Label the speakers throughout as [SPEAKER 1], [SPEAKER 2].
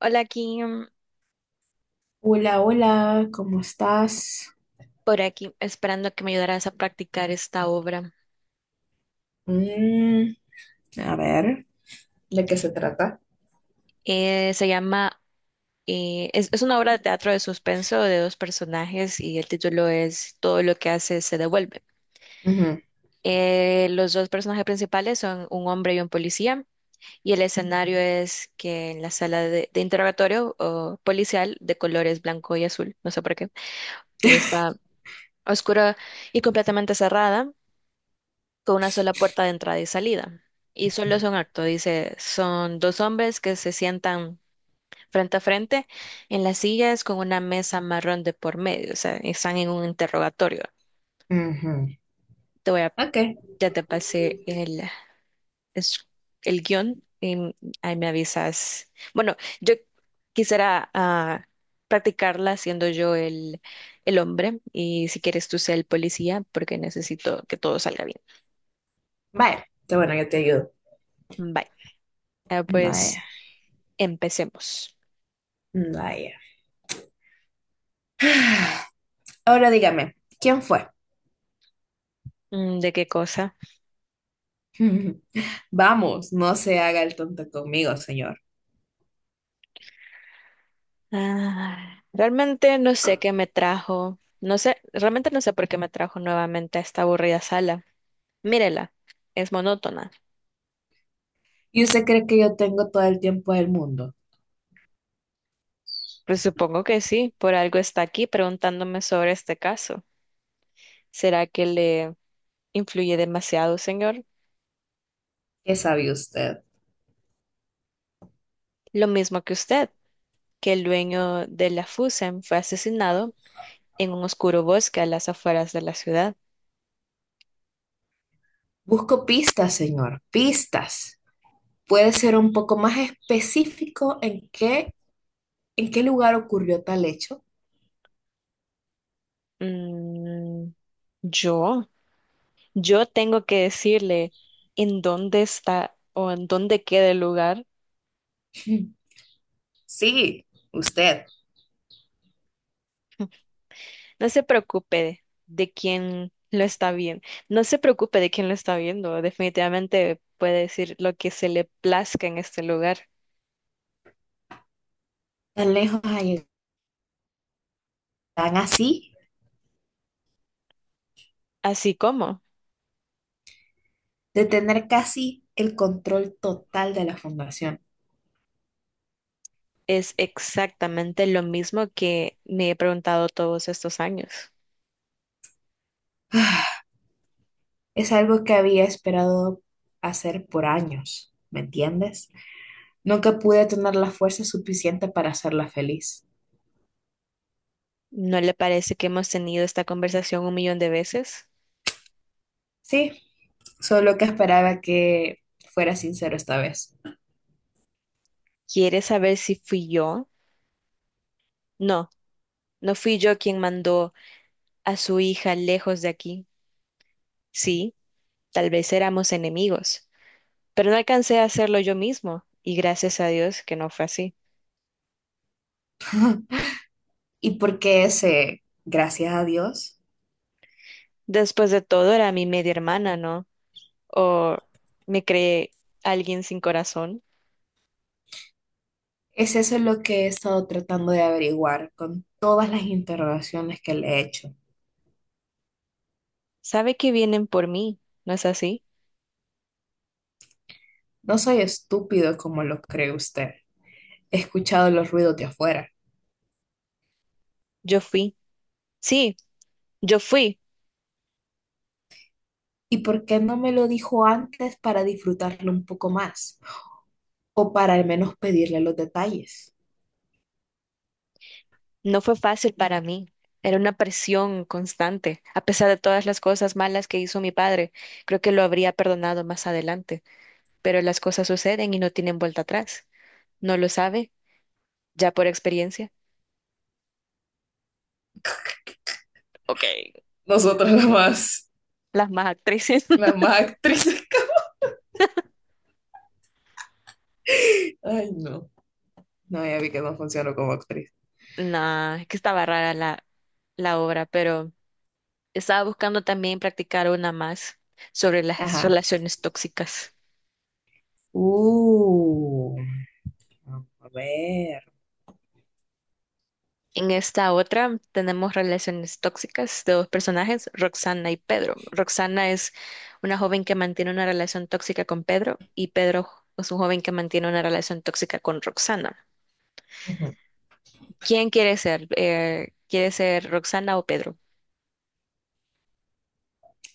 [SPEAKER 1] Hola, aquí,
[SPEAKER 2] Hola, hola, ¿cómo estás?
[SPEAKER 1] por aquí, esperando que me ayudaras a practicar esta obra.
[SPEAKER 2] Mm, a ver. ¿De qué se trata?
[SPEAKER 1] Se llama, es una obra de teatro de suspenso de dos personajes y el título es Todo lo que hace se devuelve.
[SPEAKER 2] Ujú,
[SPEAKER 1] Los dos personajes principales son un hombre y un policía y el escenario es que en la sala de interrogatorio o policial de colores blanco y azul, no sé por qué, está oscura y completamente cerrada. Con una sola puerta de entrada y salida. Y solo es un acto, dice, son dos hombres que se sientan frente a frente en las sillas con una mesa marrón de por medio, o sea, están en un interrogatorio.
[SPEAKER 2] ujú.
[SPEAKER 1] Te voy a,
[SPEAKER 2] Ok,
[SPEAKER 1] ya te pasé es- el guión y ahí me avisas. Bueno, yo quisiera practicarla siendo yo el hombre y si quieres tú sea el policía porque necesito que todo salga bien.
[SPEAKER 2] vaya. Está bueno, yo te ayudo.
[SPEAKER 1] Bye. Ah,
[SPEAKER 2] Vaya,
[SPEAKER 1] pues empecemos.
[SPEAKER 2] vaya. Ahora dígame, ¿quién fue?
[SPEAKER 1] Mm, ¿de qué cosa?
[SPEAKER 2] Vamos, no se haga el tonto conmigo, señor.
[SPEAKER 1] Ah, realmente no sé qué me trajo. No sé, realmente no sé por qué me trajo nuevamente a esta aburrida sala. Mírela, es monótona.
[SPEAKER 2] ¿Y usted cree que yo tengo todo el tiempo del mundo?
[SPEAKER 1] Pues supongo que sí, por algo está aquí preguntándome sobre este caso. ¿Será que le influye demasiado, señor?
[SPEAKER 2] ¿Qué sabe usted?
[SPEAKER 1] Lo mismo que usted, que el dueño de la Fusen fue asesinado en un oscuro bosque a las afueras de la ciudad.
[SPEAKER 2] Busco pistas, señor, pistas. ¿Puede ser un poco más específico en qué lugar ocurrió tal hecho?
[SPEAKER 1] Mm, ¿yo? Yo tengo que decirle en dónde está o en dónde queda el lugar.
[SPEAKER 2] Sí, usted.
[SPEAKER 1] No se preocupe de quién lo está viendo. No se preocupe de quién lo está viendo. Definitivamente puede decir lo que se le plazca en este lugar.
[SPEAKER 2] Tan lejos ha llegado, tan así,
[SPEAKER 1] Así como
[SPEAKER 2] de tener casi el control total de la fundación.
[SPEAKER 1] es exactamente lo mismo que me he preguntado todos estos años.
[SPEAKER 2] Ah, es algo que había esperado hacer por años, ¿me entiendes? Nunca pude tener la fuerza suficiente para hacerla feliz.
[SPEAKER 1] ¿No le parece que hemos tenido esta conversación un millón de veces?
[SPEAKER 2] Sí, solo que esperaba que fuera sincero esta vez.
[SPEAKER 1] ¿Quiere saber si fui yo? No, no fui yo quien mandó a su hija lejos de aquí. Sí, tal vez éramos enemigos, pero no alcancé a hacerlo yo mismo, y gracias a Dios que no fue así.
[SPEAKER 2] ¿Y por qué ese, gracias a Dios?
[SPEAKER 1] Después de todo, era mi media hermana, ¿no? O me creé alguien sin corazón.
[SPEAKER 2] Es eso lo que he estado tratando de averiguar con todas las interrogaciones que le he hecho.
[SPEAKER 1] Sabe que vienen por mí, ¿no es así?
[SPEAKER 2] No soy estúpido como lo cree usted. He escuchado los ruidos de afuera.
[SPEAKER 1] Yo fui. Sí, yo fui.
[SPEAKER 2] ¿Y por qué no me lo dijo antes para disfrutarlo un poco más? O para al menos pedirle los detalles.
[SPEAKER 1] No fue fácil para mí. Era una presión constante. A pesar de todas las cosas malas que hizo mi padre, creo que lo habría perdonado más adelante. Pero las cosas suceden y no tienen vuelta atrás. ¿No lo sabe? ¿Ya por experiencia? Ok,
[SPEAKER 2] Nosotras las más,
[SPEAKER 1] las más actrices.
[SPEAKER 2] las más actrices. Ay, no. No, ya vi que no funciono como actriz.
[SPEAKER 1] No, es que estaba rara la obra, pero estaba buscando también practicar una más sobre las
[SPEAKER 2] Ajá.
[SPEAKER 1] relaciones tóxicas.
[SPEAKER 2] Uh, a ver.
[SPEAKER 1] En esta otra tenemos relaciones tóxicas de dos personajes, Roxana y Pedro. Roxana es una joven que mantiene una relación tóxica con Pedro y Pedro es un joven que mantiene una relación tóxica con Roxana.
[SPEAKER 2] Ujú.
[SPEAKER 1] ¿Quién quiere ser? ¿Quiere ser Roxana o Pedro?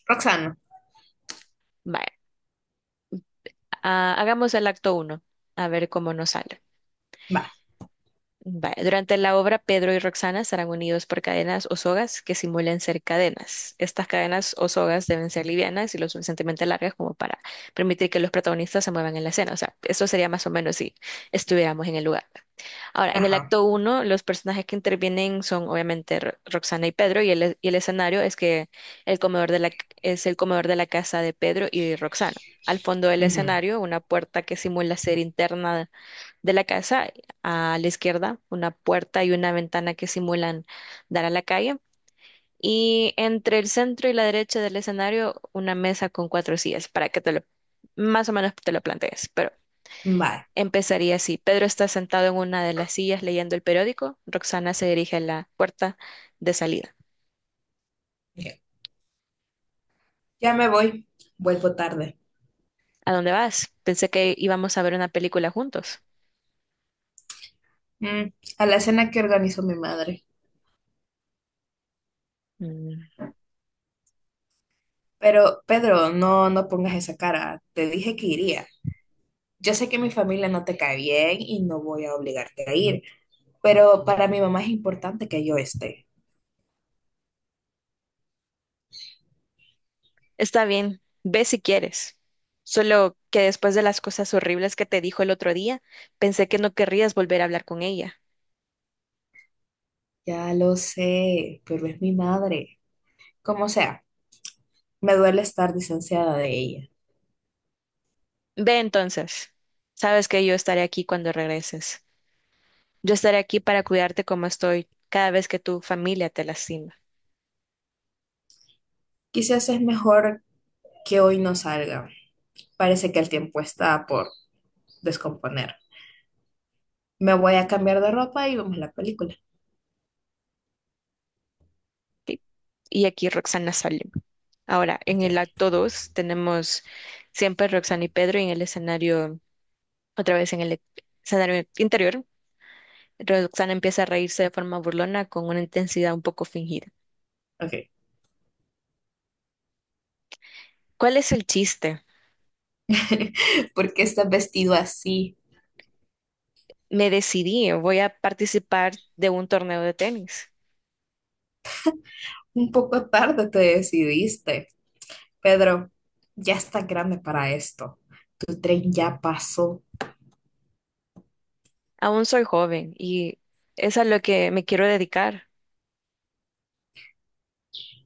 [SPEAKER 2] Roxana.
[SPEAKER 1] Vaya, ah, hagamos el acto uno, a ver cómo nos sale.
[SPEAKER 2] Va.
[SPEAKER 1] Vaya, durante la obra, Pedro y Roxana estarán unidos por cadenas o sogas que simulan ser cadenas. Estas cadenas o sogas deben ser livianas y lo suficientemente largas como para permitir que los protagonistas se muevan en la escena. O sea, eso sería más o menos si estuviéramos en el lugar. Ahora, en el
[SPEAKER 2] Ajá.
[SPEAKER 1] acto uno, los personajes que intervienen son obviamente Roxana y Pedro y y el escenario es que el comedor de es el comedor de la casa de Pedro y Roxana. Al fondo del
[SPEAKER 2] Ujú.
[SPEAKER 1] escenario, una puerta que simula ser interna de la casa, a la izquierda, una puerta y una ventana que simulan dar a la calle. Y entre el centro y la derecha del escenario, una mesa con cuatro sillas para que te lo, más o menos te lo plantees. Pero
[SPEAKER 2] Vale.
[SPEAKER 1] empezaría así. Pedro está sentado en una de las sillas leyendo el periódico. Roxana se dirige a la puerta de salida.
[SPEAKER 2] Ok. Ya me voy. Vuelvo tarde.
[SPEAKER 1] ¿A dónde vas? Pensé que íbamos a ver una película juntos.
[SPEAKER 2] Mm, a la cena que organizó mi madre. Pero, Pedro, no pongas esa cara. Te dije que iría. Yo sé que mi familia no te cae bien y no voy a obligarte a ir, pero para mi mamá es importante que yo esté.
[SPEAKER 1] Está bien, ve si quieres. Solo que después de las cosas horribles que te dijo el otro día, pensé que no querrías volver a hablar con ella.
[SPEAKER 2] Ya lo sé, pero es mi madre. Como sea, me duele estar distanciada de ella.
[SPEAKER 1] Ve entonces. Sabes que yo estaré aquí cuando regreses. Yo estaré aquí para cuidarte como estoy cada vez que tu familia te lastima.
[SPEAKER 2] Quizás es mejor que hoy no salga. Parece que el tiempo está por descomponer. Me voy a cambiar de ropa y vemos la película.
[SPEAKER 1] Y y aquí Roxana Salim. Ahora, en
[SPEAKER 2] Ok,
[SPEAKER 1] el acto 2 tenemos siempre Roxana y Pedro, y en el escenario, otra vez en escenario interior, Roxana empieza a reírse de forma burlona con una intensidad un poco fingida.
[SPEAKER 2] ok.
[SPEAKER 1] ¿Cuál es el chiste?
[SPEAKER 2] ¿Por qué estás vestido así?
[SPEAKER 1] Me decidí, voy a participar de un torneo de tenis.
[SPEAKER 2] Un poco tarde te decidiste. Pedro, ya estás grande para esto. Tu tren ya pasó.
[SPEAKER 1] Aún soy joven y es a lo que me quiero dedicar.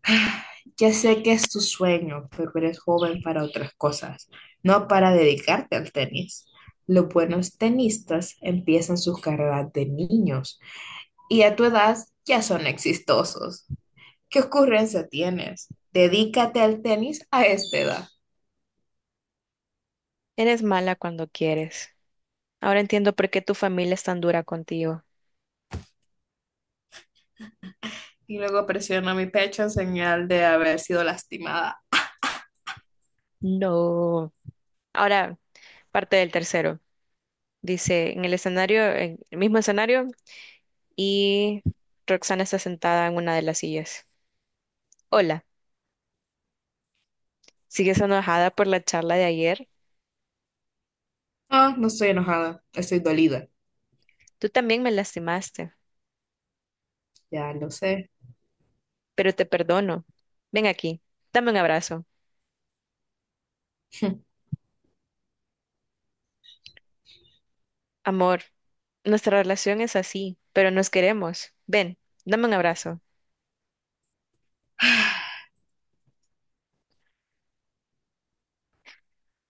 [SPEAKER 2] Ya sé que es tu sueño, pero eres joven para otras cosas, no para dedicarte al tenis. Los buenos tenistas empiezan sus carreras de niños y a tu edad ya son exitosos. ¿Qué ocurrencia tienes? Dedícate al tenis a esta edad.
[SPEAKER 1] Eres mala cuando quieres. Ahora entiendo por qué tu familia es tan dura contigo.
[SPEAKER 2] Y luego presionó mi pecho en señal de haber sido lastimada.
[SPEAKER 1] No. Ahora, parte del tercero. Dice, en el escenario, en el mismo escenario, y Roxana está sentada en una de las sillas. Hola, ¿sigues enojada por la charla de ayer?
[SPEAKER 2] Ah, no estoy enojada, estoy dolida.
[SPEAKER 1] Tú también me lastimaste,
[SPEAKER 2] Ya lo sé.
[SPEAKER 1] pero te perdono. Ven aquí, dame un abrazo. Amor, nuestra relación es así, pero nos queremos. Ven, dame un abrazo.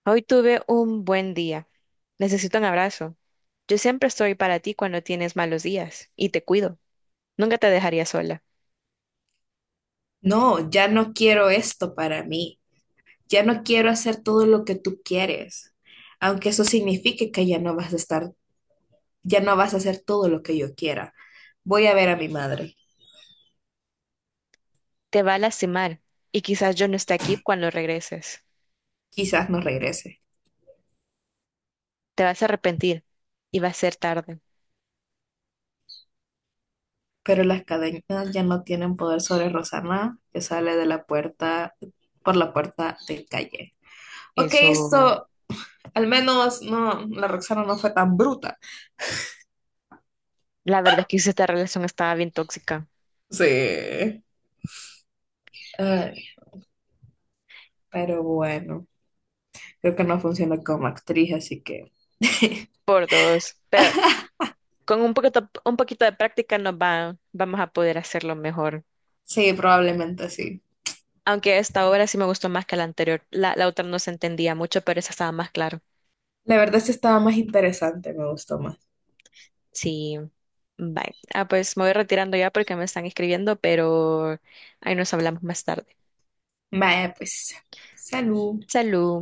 [SPEAKER 1] Hoy tuve un buen día. Necesito un abrazo. Yo siempre estoy para ti cuando tienes malos días y te cuido. Nunca te dejaría sola.
[SPEAKER 2] No, ya no quiero esto para mí. Ya no quiero hacer todo lo que tú quieres. Aunque eso signifique que ya no vas a estar, ya no vas a hacer todo lo que yo quiera. Voy a ver a mi madre.
[SPEAKER 1] Te va a lastimar y quizás yo no esté aquí cuando regreses.
[SPEAKER 2] Quizás no regrese.
[SPEAKER 1] Te vas a arrepentir y va a ser tarde.
[SPEAKER 2] Pero las cadenas ya no tienen poder sobre Rosana, que sale de la puerta, por la puerta del calle. Ok,
[SPEAKER 1] Eso,
[SPEAKER 2] esto, al menos no, la Roxana no fue tan bruta.
[SPEAKER 1] la verdad es que esta relación estaba bien tóxica.
[SPEAKER 2] Sí. Ay, pero bueno, creo que no funciona como actriz, así que.
[SPEAKER 1] Por dos, pero con un poquito de práctica nos va, vamos a poder hacerlo mejor.
[SPEAKER 2] Sí, probablemente sí.
[SPEAKER 1] Aunque esta obra sí me gustó más que la anterior. La otra no se entendía mucho, pero esa estaba más claro.
[SPEAKER 2] La verdad sí estaba más interesante, me gustó más.
[SPEAKER 1] Sí. Bye. Ah, pues me voy retirando ya porque me están escribiendo, pero ahí nos hablamos más tarde.
[SPEAKER 2] Vaya, pues, salud.
[SPEAKER 1] Salud.